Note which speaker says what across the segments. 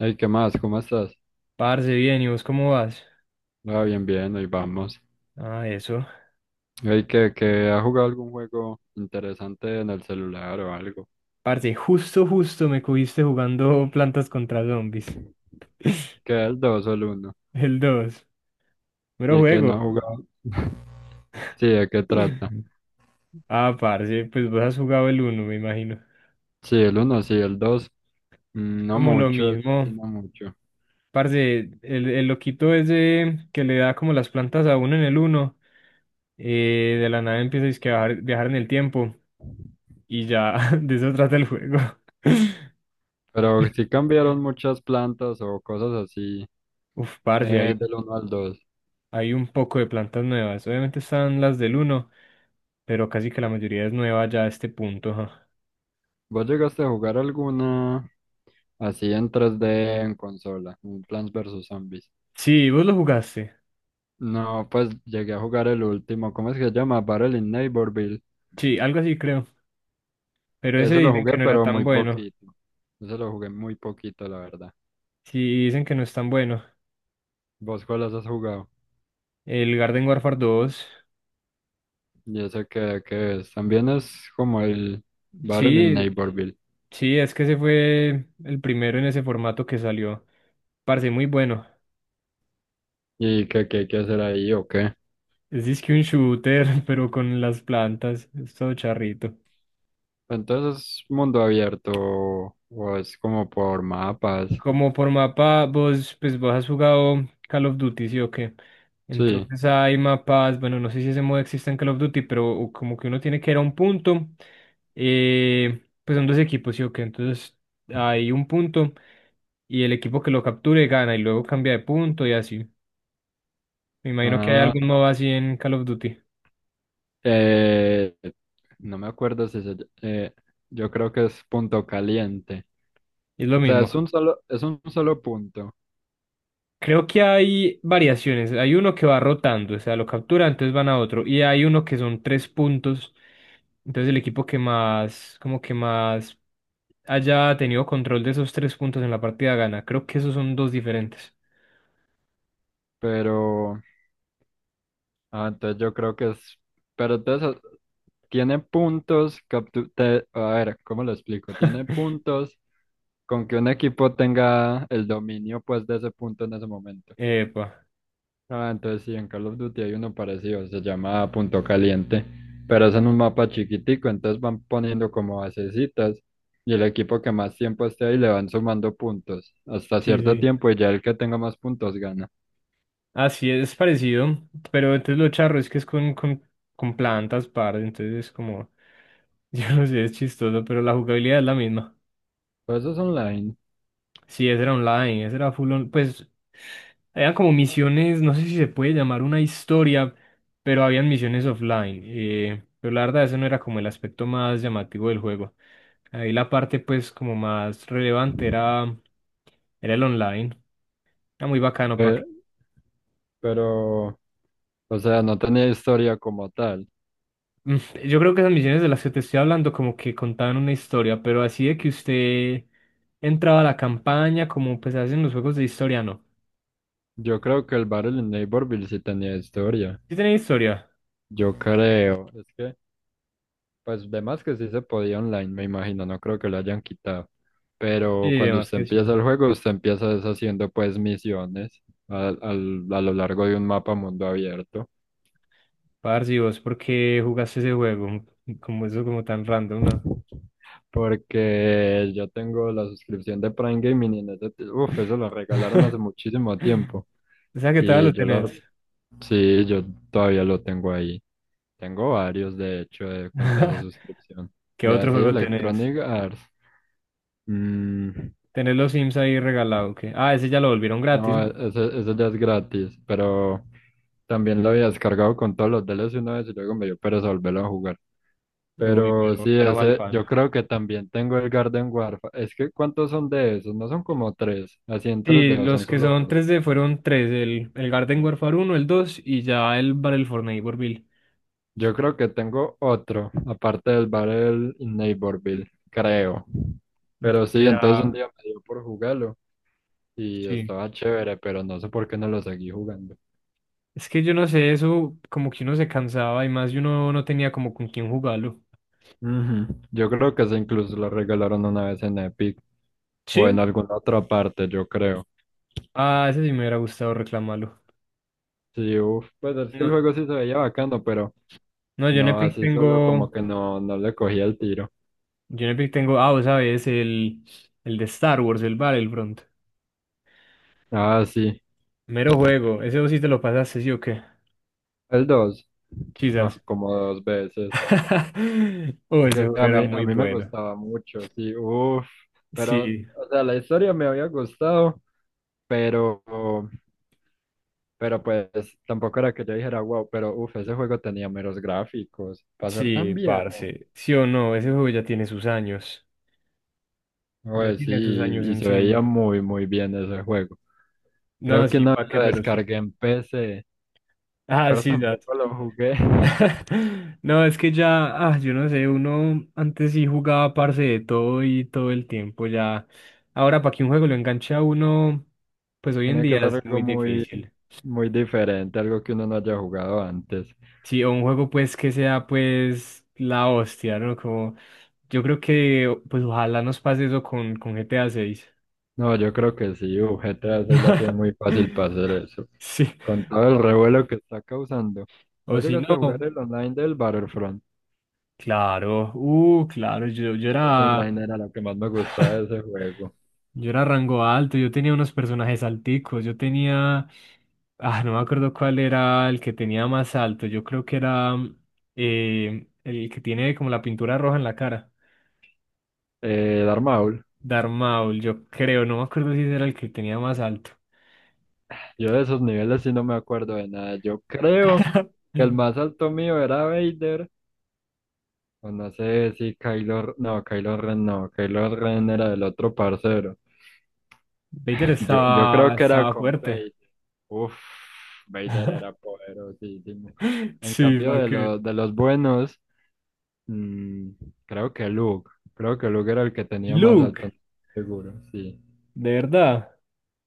Speaker 1: Hey, ¿qué más? ¿Cómo estás?
Speaker 2: Parce, bien, ¿y vos cómo vas?
Speaker 1: Ah, bien, bien, ahí vamos.
Speaker 2: Ah, eso.
Speaker 1: Hey, ¿que ha jugado algún juego interesante en el celular o algo?
Speaker 2: Parce, justo me cogiste jugando Plantas contra Zombies.
Speaker 1: ¿Que el 2 o el uno?
Speaker 2: El 2. Mero
Speaker 1: ¿Y que no ha
Speaker 2: juego.
Speaker 1: jugado? Sí, ¿de qué trata?
Speaker 2: Ah, parce, pues vos has jugado el uno, me imagino.
Speaker 1: Sí, el uno, sí, el dos.
Speaker 2: Es
Speaker 1: No
Speaker 2: como lo
Speaker 1: mucho, el 2 sí,
Speaker 2: mismo.
Speaker 1: no mucho.
Speaker 2: Parce, el loquito ese que le da como las plantas a uno en el uno. De la nada empieza dizque a viajar en el tiempo y ya de eso trata el juego.
Speaker 1: Pero sí cambiaron muchas plantas o cosas así,
Speaker 2: Uf, parce, hay,
Speaker 1: ¿del uno al dos?
Speaker 2: hay un poco de plantas nuevas. Obviamente están las del uno, pero casi que la mayoría es nueva ya a este punto, ajá.
Speaker 1: ¿Vos llegaste a jugar alguna así en 3D en consola? Un Plants vs Zombies.
Speaker 2: Sí, vos lo jugaste.
Speaker 1: No, pues llegué a jugar el último, ¿cómo es que se llama? Battle in Neighborville.
Speaker 2: Sí, algo así creo. Pero ese
Speaker 1: Ese lo
Speaker 2: dicen que
Speaker 1: jugué,
Speaker 2: no era
Speaker 1: pero
Speaker 2: tan
Speaker 1: muy
Speaker 2: bueno.
Speaker 1: poquito. Ese lo jugué muy poquito, la verdad.
Speaker 2: Sí, dicen que no es tan bueno.
Speaker 1: ¿Vos cuáles has jugado?
Speaker 2: El Garden Warfare dos.
Speaker 1: Y ese que es. También es como el Battle in
Speaker 2: Sí,
Speaker 1: Neighborville.
Speaker 2: sí, es que ese fue el primero en ese formato que salió. Parce, muy bueno.
Speaker 1: ¿Y qué hay que hacer ahí o qué?
Speaker 2: Es disque un shooter, pero con las plantas. Es todo charrito.
Speaker 1: Entonces, ¿es mundo abierto o es como por mapas?
Speaker 2: Como por mapa, vos, pues vos has jugado Call of Duty, ¿sí o qué?
Speaker 1: Sí.
Speaker 2: Entonces hay mapas, bueno, no sé si ese modo existe en Call of Duty, pero como que uno tiene que ir a un punto, pues son dos equipos, ¿sí o qué? Entonces hay un punto y el equipo que lo capture gana y luego cambia de punto y así. Me imagino que hay
Speaker 1: Ah,
Speaker 2: algún modo así en Call of Duty.
Speaker 1: eh, no me acuerdo si se, eh, yo creo que es punto caliente.
Speaker 2: Es lo
Speaker 1: O sea, es
Speaker 2: mismo.
Speaker 1: un solo, es un solo punto,
Speaker 2: Creo que hay variaciones. Hay uno que va rotando, o sea, lo captura, entonces van a otro. Y hay uno que son tres puntos. Entonces el equipo que más, como que más haya tenido control de esos tres puntos en la partida gana. Creo que esos son dos diferentes.
Speaker 1: pero... Ah, entonces yo creo que es, pero entonces, tiene puntos, que a ver, ¿cómo lo explico? Tiene puntos con que un equipo tenga el dominio pues de ese punto en ese momento.
Speaker 2: Epa,
Speaker 1: Ah, entonces sí, en Call of Duty hay uno parecido, se llama Punto Caliente, pero es en un mapa chiquitico, entonces van poniendo como basecitas y el equipo que más tiempo esté ahí le van sumando puntos hasta
Speaker 2: sí,
Speaker 1: cierto
Speaker 2: sí.
Speaker 1: tiempo y ya el que tenga más puntos gana.
Speaker 2: Así es parecido, pero entonces lo charro es que es con plantas par, entonces es como, yo no sé, es chistoso, pero la jugabilidad es la misma.
Speaker 1: Pues eso es online,
Speaker 2: Sí, ese era online, ese era full on, pues eran como misiones, no sé si se puede llamar una historia, pero habían misiones offline. Pero la verdad, ese no era como el aspecto más llamativo del juego. Ahí la parte pues como más era el online. Era muy bacano para
Speaker 1: eh,
Speaker 2: que...
Speaker 1: pero... O sea, no tenía historia como tal.
Speaker 2: Mm, yo creo que esas misiones de las que te estoy hablando como que contaban una historia, pero así de que usted entraba a la campaña como pues hacen los juegos de historia, no.
Speaker 1: Yo creo que el Battle in Neighborville sí tenía historia.
Speaker 2: ¿Sí tenía historia?
Speaker 1: Yo creo. Es que, pues, de más que sí se podía online, me imagino. No creo que lo hayan quitado.
Speaker 2: Sí,
Speaker 1: Pero cuando
Speaker 2: además
Speaker 1: usted
Speaker 2: que
Speaker 1: empieza
Speaker 2: sí.
Speaker 1: el juego, usted empieza deshaciendo, pues, misiones a lo largo de un mapa mundo abierto.
Speaker 2: Parce, ¿y vos por qué jugaste ese juego? Como eso, como tan random, ¿no?
Speaker 1: Porque yo tengo la suscripción de Prime Gaming y en ese, uf, eso lo regalaron hace muchísimo tiempo.
Speaker 2: O sea, ¿qué tal lo
Speaker 1: Y yo la,
Speaker 2: tenés?
Speaker 1: sí, yo todavía lo tengo ahí. Tengo varios, de hecho, de cuenta de esa suscripción.
Speaker 2: ¿Qué
Speaker 1: De
Speaker 2: otro
Speaker 1: así
Speaker 2: juego tenés?
Speaker 1: Electronic Arts. Mm,
Speaker 2: Tenés los Sims ahí regalado, ¿qué? Ah, ese ya lo volvieron gratis,
Speaker 1: no,
Speaker 2: ¿no?
Speaker 1: ese ya es gratis, pero también lo había descargado con todos los DLC una vez y luego me dio pereza volverlo a jugar.
Speaker 2: Uy,
Speaker 1: Pero
Speaker 2: pero,
Speaker 1: sí,
Speaker 2: pero mal
Speaker 1: ese,
Speaker 2: fan.
Speaker 1: yo creo que también tengo el Garden Warfare. Es que, ¿cuántos son de esos? No son como tres, así en tres
Speaker 2: Sí,
Speaker 1: dedos, son
Speaker 2: los que
Speaker 1: solo
Speaker 2: son
Speaker 1: dos.
Speaker 2: tres d fueron tres, el Garden Warfare uno el 2 y ya el Battle for Neighborville.
Speaker 1: Yo creo que tengo otro, aparte del Battle in Neighborville, creo. Pero sí, entonces un
Speaker 2: Será,
Speaker 1: día me dio por jugarlo y
Speaker 2: sí.
Speaker 1: estaba chévere, pero no sé por qué no lo seguí jugando.
Speaker 2: Es que yo no sé, eso como que uno se cansaba y más y uno no tenía como con quién jugarlo.
Speaker 1: Ujú. Yo creo que ese incluso lo regalaron una vez en Epic o
Speaker 2: Sí.
Speaker 1: en alguna otra parte, yo creo.
Speaker 2: Ah, ese sí me hubiera gustado reclamarlo.
Speaker 1: Sí, uf, pues es que el
Speaker 2: No,
Speaker 1: juego sí se veía bacano, pero
Speaker 2: no, yo en
Speaker 1: no,
Speaker 2: Epic
Speaker 1: así solo como
Speaker 2: tengo.
Speaker 1: que no le cogía el tiro.
Speaker 2: Yo en Epic tengo. Ah, vos sabes, el de Star Wars, el Battlefront.
Speaker 1: Ah, sí,
Speaker 2: Mero juego. Ese vos sí te lo pasaste, ¿sí o qué?
Speaker 1: el dos,
Speaker 2: Quizás.
Speaker 1: como dos veces.
Speaker 2: Oh,
Speaker 1: Es
Speaker 2: ese
Speaker 1: que
Speaker 2: juego
Speaker 1: a
Speaker 2: era
Speaker 1: mí, a
Speaker 2: muy
Speaker 1: mí me
Speaker 2: bueno.
Speaker 1: gustaba mucho, sí, uff, pero,
Speaker 2: Sí,
Speaker 1: o sea, la historia me había gustado, pero... Pero pues tampoco era que yo dijera "wow", pero uff, ese juego tenía meros gráficos para ser tan
Speaker 2: sí,
Speaker 1: viejo.
Speaker 2: parce. Sí o no, ese juego ya tiene sus años. Ya
Speaker 1: Pues sí,
Speaker 2: tiene sus años
Speaker 1: y se veía
Speaker 2: encima.
Speaker 1: muy, muy bien ese juego.
Speaker 2: No,
Speaker 1: Creo que
Speaker 2: sí,
Speaker 1: una vez
Speaker 2: pa' qué,
Speaker 1: lo
Speaker 2: pero sí.
Speaker 1: descargué en PC,
Speaker 2: Ah,
Speaker 1: pero
Speaker 2: sí, ya.
Speaker 1: tampoco lo jugué.
Speaker 2: No, es que ya, ah, yo no sé, uno antes sí jugaba parce de todo y todo el tiempo ya. Ahora, para que un juego lo enganche a uno, pues hoy en
Speaker 1: Tiene que
Speaker 2: día
Speaker 1: ser
Speaker 2: es
Speaker 1: algo
Speaker 2: muy
Speaker 1: muy,
Speaker 2: difícil.
Speaker 1: muy diferente, algo que uno no haya jugado antes.
Speaker 2: Sí, o un juego pues que sea pues la hostia, ¿no? Como yo creo que pues ojalá nos pase eso con GTA seis.
Speaker 1: No, yo creo que sí, uff, GTA 6 la tiene muy fácil para hacer eso.
Speaker 2: Sí.
Speaker 1: Con todo el revuelo que está causando.
Speaker 2: O
Speaker 1: ¿Vos
Speaker 2: si
Speaker 1: llegaste a
Speaker 2: no,
Speaker 1: jugar el online del Battlefront?
Speaker 2: claro, claro, yo
Speaker 1: Ese
Speaker 2: era
Speaker 1: online era lo que más me gustaba de ese juego.
Speaker 2: yo era rango alto, yo tenía unos personajes alticos, yo tenía, ah, no me acuerdo cuál era el que tenía más alto, yo creo que era el que tiene como la pintura roja en la cara.
Speaker 1: Darth Maul.
Speaker 2: Darmaul, yo creo, no me acuerdo si ese era el que tenía más alto.
Speaker 1: Yo de esos niveles sí no me acuerdo de nada. Yo creo que el más alto mío era Vader. O no sé si Kylo... No, Kylo Ren no. Kylo Ren era del otro parcero.
Speaker 2: Vader
Speaker 1: Yo
Speaker 2: estaba,
Speaker 1: creo que era
Speaker 2: estaba
Speaker 1: con
Speaker 2: fuerte.
Speaker 1: Vader. Uf, Vader era poderosísimo. En
Speaker 2: Sí,
Speaker 1: cambio
Speaker 2: va
Speaker 1: de
Speaker 2: que.
Speaker 1: los, de los buenos, mm, creo que Luke. Creo que Luke era el que tenía más
Speaker 2: Luke,
Speaker 1: alto. Seguro, sí.
Speaker 2: de verdad,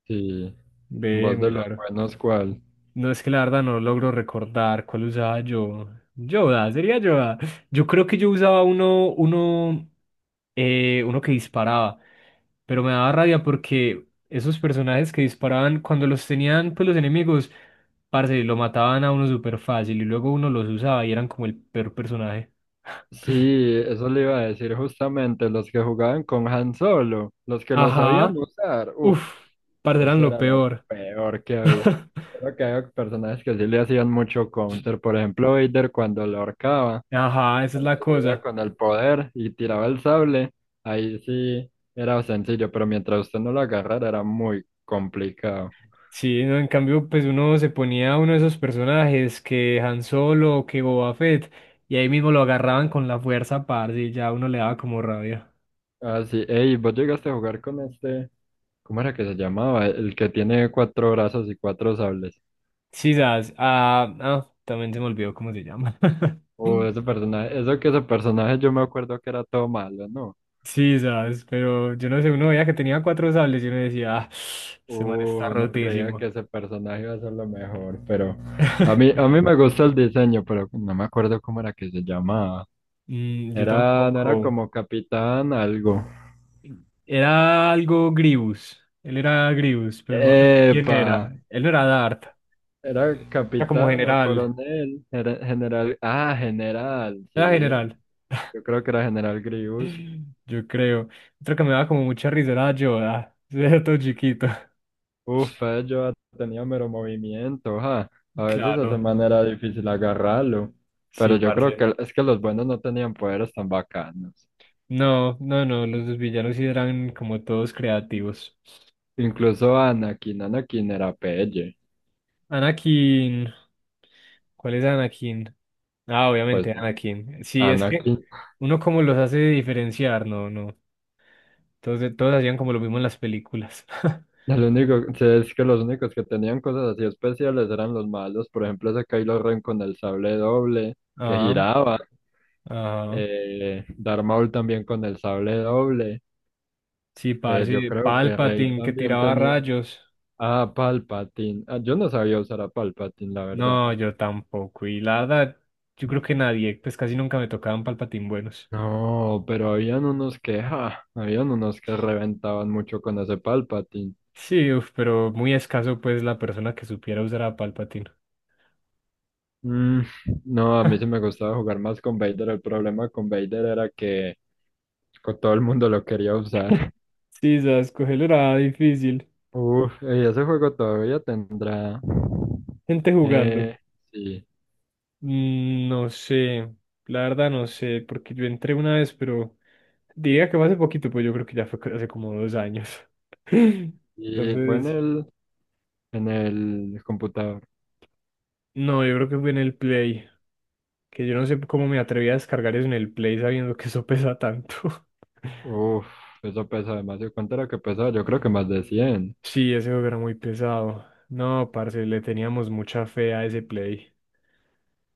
Speaker 1: Sí.
Speaker 2: ve,
Speaker 1: Vos
Speaker 2: muy
Speaker 1: de los
Speaker 2: raro.
Speaker 1: buenos, ¿cuál?
Speaker 2: No es que la verdad no logro recordar cuál usaba yo. Yoda, sería Yoda. Yo creo que yo usaba uno, uno que disparaba, pero me daba rabia porque esos personajes que disparaban cuando los tenían, pues los enemigos, parce, lo mataban a uno súper fácil y luego uno los usaba y eran como el peor personaje.
Speaker 1: Sí, eso le iba a decir justamente, los que jugaban con Han Solo, los que lo sabían
Speaker 2: Ajá.
Speaker 1: usar, uff,
Speaker 2: Uf, parce, eran
Speaker 1: eso
Speaker 2: lo
Speaker 1: era lo
Speaker 2: peor.
Speaker 1: peor que había. Creo que había personajes que sí le hacían mucho counter, por ejemplo Vader cuando lo ahorcaba,
Speaker 2: Ajá, esa es
Speaker 1: cuando
Speaker 2: la
Speaker 1: hacía
Speaker 2: cosa.
Speaker 1: con el poder y tiraba el sable, ahí sí era sencillo, pero mientras usted no lo agarrara era muy complicado.
Speaker 2: Sí, no, en cambio, pues uno se ponía uno de esos personajes que Han Solo o que Boba Fett, y ahí mismo lo agarraban con la fuerza, parce, y ya uno le daba como rabia.
Speaker 1: Ah, sí, ey, vos llegaste a jugar con este, ¿cómo era que se llamaba? El que tiene cuatro brazos y cuatro sables.
Speaker 2: Sí, sabes, ah, también se me olvidó cómo se llama.
Speaker 1: Ese personaje, eso que ese personaje yo me acuerdo que era todo malo, ¿no?
Speaker 2: Sí, sabes, pero yo no sé, uno veía que tenía cuatro sables y uno decía, ah, ese man está
Speaker 1: Uno creía
Speaker 2: rotísimo.
Speaker 1: que ese personaje iba a ser lo mejor, pero a mí, a mí me gusta el diseño, pero no me acuerdo cómo era que se llamaba.
Speaker 2: Mm, yo
Speaker 1: Era, no era
Speaker 2: tampoco.
Speaker 1: como capitán algo.
Speaker 2: Era algo Grievous, él era Grievous, pero no me acuerdo quién
Speaker 1: Epa,
Speaker 2: era. Él no era Dart,
Speaker 1: era
Speaker 2: era como
Speaker 1: capitán o
Speaker 2: general,
Speaker 1: coronel, era general, general,
Speaker 2: era
Speaker 1: sí,
Speaker 2: general.
Speaker 1: yo creo que era general Grievous.
Speaker 2: Yo creo. Otro que me daba como mucha risa era Yoda. Era todo chiquito.
Speaker 1: Uf, pues yo ha tenido mero movimiento, ja. A veces de esa
Speaker 2: Claro,
Speaker 1: manera era difícil agarrarlo.
Speaker 2: sí,
Speaker 1: Pero yo creo
Speaker 2: parce.
Speaker 1: que es que los buenos no tenían poderes tan bacanos.
Speaker 2: No, no, no, los dos villanos sí eran como todos creativos.
Speaker 1: Incluso Anakin, Anakin era pelle.
Speaker 2: Anakin. ¿Cuál es Anakin? Ah,
Speaker 1: Pues
Speaker 2: obviamente Anakin. Sí, es que
Speaker 1: Anakin.
Speaker 2: uno como los hace diferenciar, no, no. Entonces todos hacían como lo mismo en las películas.
Speaker 1: El único, sí, es que los únicos que tenían cosas así especiales eran los malos. Por ejemplo, ese Kylo Ren con el sable doble que
Speaker 2: Ah,
Speaker 1: giraba.
Speaker 2: ah.
Speaker 1: Darth Maul también con el sable doble.
Speaker 2: Sí,
Speaker 1: Yo
Speaker 2: parce,
Speaker 1: creo que Rey
Speaker 2: Palpatine que
Speaker 1: también
Speaker 2: tiraba
Speaker 1: tenía.
Speaker 2: rayos.
Speaker 1: Ah, Palpatine. Ah, yo no sabía usar a Palpatine, la verdad.
Speaker 2: No, yo tampoco. Y la verdad, yo creo que nadie, pues casi nunca me tocaban Palpatine buenos.
Speaker 1: No, pero habían unos que, ja, habían unos que reventaban mucho con ese Palpatine.
Speaker 2: Sí, uf, pero muy escaso pues la persona que supiera usar a Palpatine.
Speaker 1: Mm, no, a mí sí me gustaba jugar más con Vader. El problema con Vader era que todo el mundo lo quería usar.
Speaker 2: Sí, sabes, cogerlo era difícil.
Speaker 1: Uf, y ese juego todavía tendrá.
Speaker 2: Gente jugando.
Speaker 1: Eh, sí.
Speaker 2: Mm, no sé, la verdad no sé, porque yo entré una vez, pero diría que fue hace poquito, pues yo creo que ya fue hace como 2 años.
Speaker 1: Y fue en
Speaker 2: Entonces,
Speaker 1: el, en el computador.
Speaker 2: no, yo creo que fue en el Play, que yo no sé cómo me atreví a descargar eso en el Play sabiendo que eso pesa tanto.
Speaker 1: Uf, eso pesa demasiado. ¿Cuánto era que pesaba? Yo creo que más de 100.
Speaker 2: Sí, ese juego era muy pesado. No, parce, le teníamos mucha fe a ese play.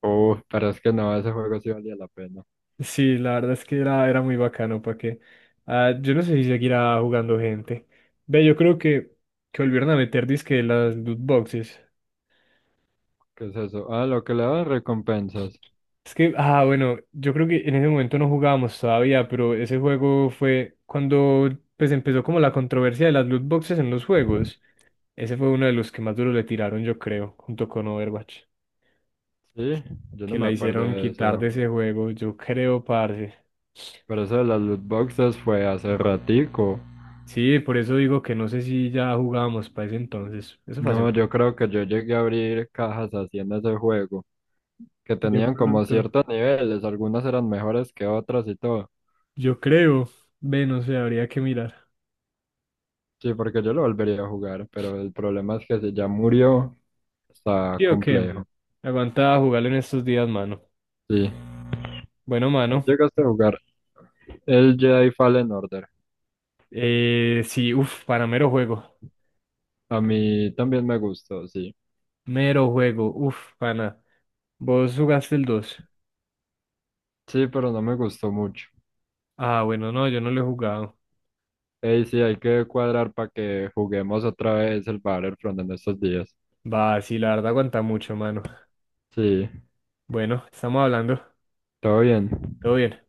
Speaker 1: Uy, pero es que no, ese juego sí valía la pena.
Speaker 2: Sí, la verdad es que era muy bacano, ¿para que ah, yo no sé si seguirá jugando gente. Ve, yo creo que volvieron a meter disque las loot boxes.
Speaker 1: ¿Qué es eso? Ah, lo que le daban recompensas.
Speaker 2: Es que, ah, bueno, yo creo que en ese momento no jugábamos todavía, pero ese juego fue cuando pues empezó como la controversia de las loot boxes en los juegos. Ese fue uno de los que más duro le tiraron, yo creo, junto con Overwatch,
Speaker 1: Sí, yo
Speaker 2: que
Speaker 1: no me
Speaker 2: la
Speaker 1: acuerdo
Speaker 2: hicieron
Speaker 1: de
Speaker 2: quitar
Speaker 1: eso.
Speaker 2: de ese juego, yo creo, parce.
Speaker 1: Pero eso de las loot boxes fue hace ratico.
Speaker 2: Sí, por eso digo que no sé si ya jugábamos para ese entonces. Eso fue hace
Speaker 1: No,
Speaker 2: mucho.
Speaker 1: yo creo que yo llegué a abrir cajas así en ese juego, que
Speaker 2: De
Speaker 1: tenían como
Speaker 2: pronto,
Speaker 1: ciertos niveles, algunas eran mejores que otras y todo.
Speaker 2: yo creo. Ve, no sé, habría que mirar.
Speaker 1: Sí, porque yo lo volvería a jugar, pero el problema es que si ya murió, está
Speaker 2: Sí, o qué.
Speaker 1: complejo.
Speaker 2: Aguanta jugarlo en estos días, mano.
Speaker 1: Sí,
Speaker 2: Bueno, mano.
Speaker 1: ¿llegaste a jugar el Jedi Fallen Order?
Speaker 2: Sí, uff, para mero juego.
Speaker 1: A mí también me gustó, sí.
Speaker 2: Mero juego, uff, pana. ¿Vos jugaste el 2?
Speaker 1: Sí, pero no me gustó mucho.
Speaker 2: Ah, bueno, no, yo no lo he jugado.
Speaker 1: Ey, sí, hay que cuadrar para que juguemos otra vez el Battlefront en estos días.
Speaker 2: Va, sí, la verdad aguanta mucho, mano.
Speaker 1: Sí,
Speaker 2: Bueno, estamos hablando.
Speaker 1: todo bien.
Speaker 2: Todo bien.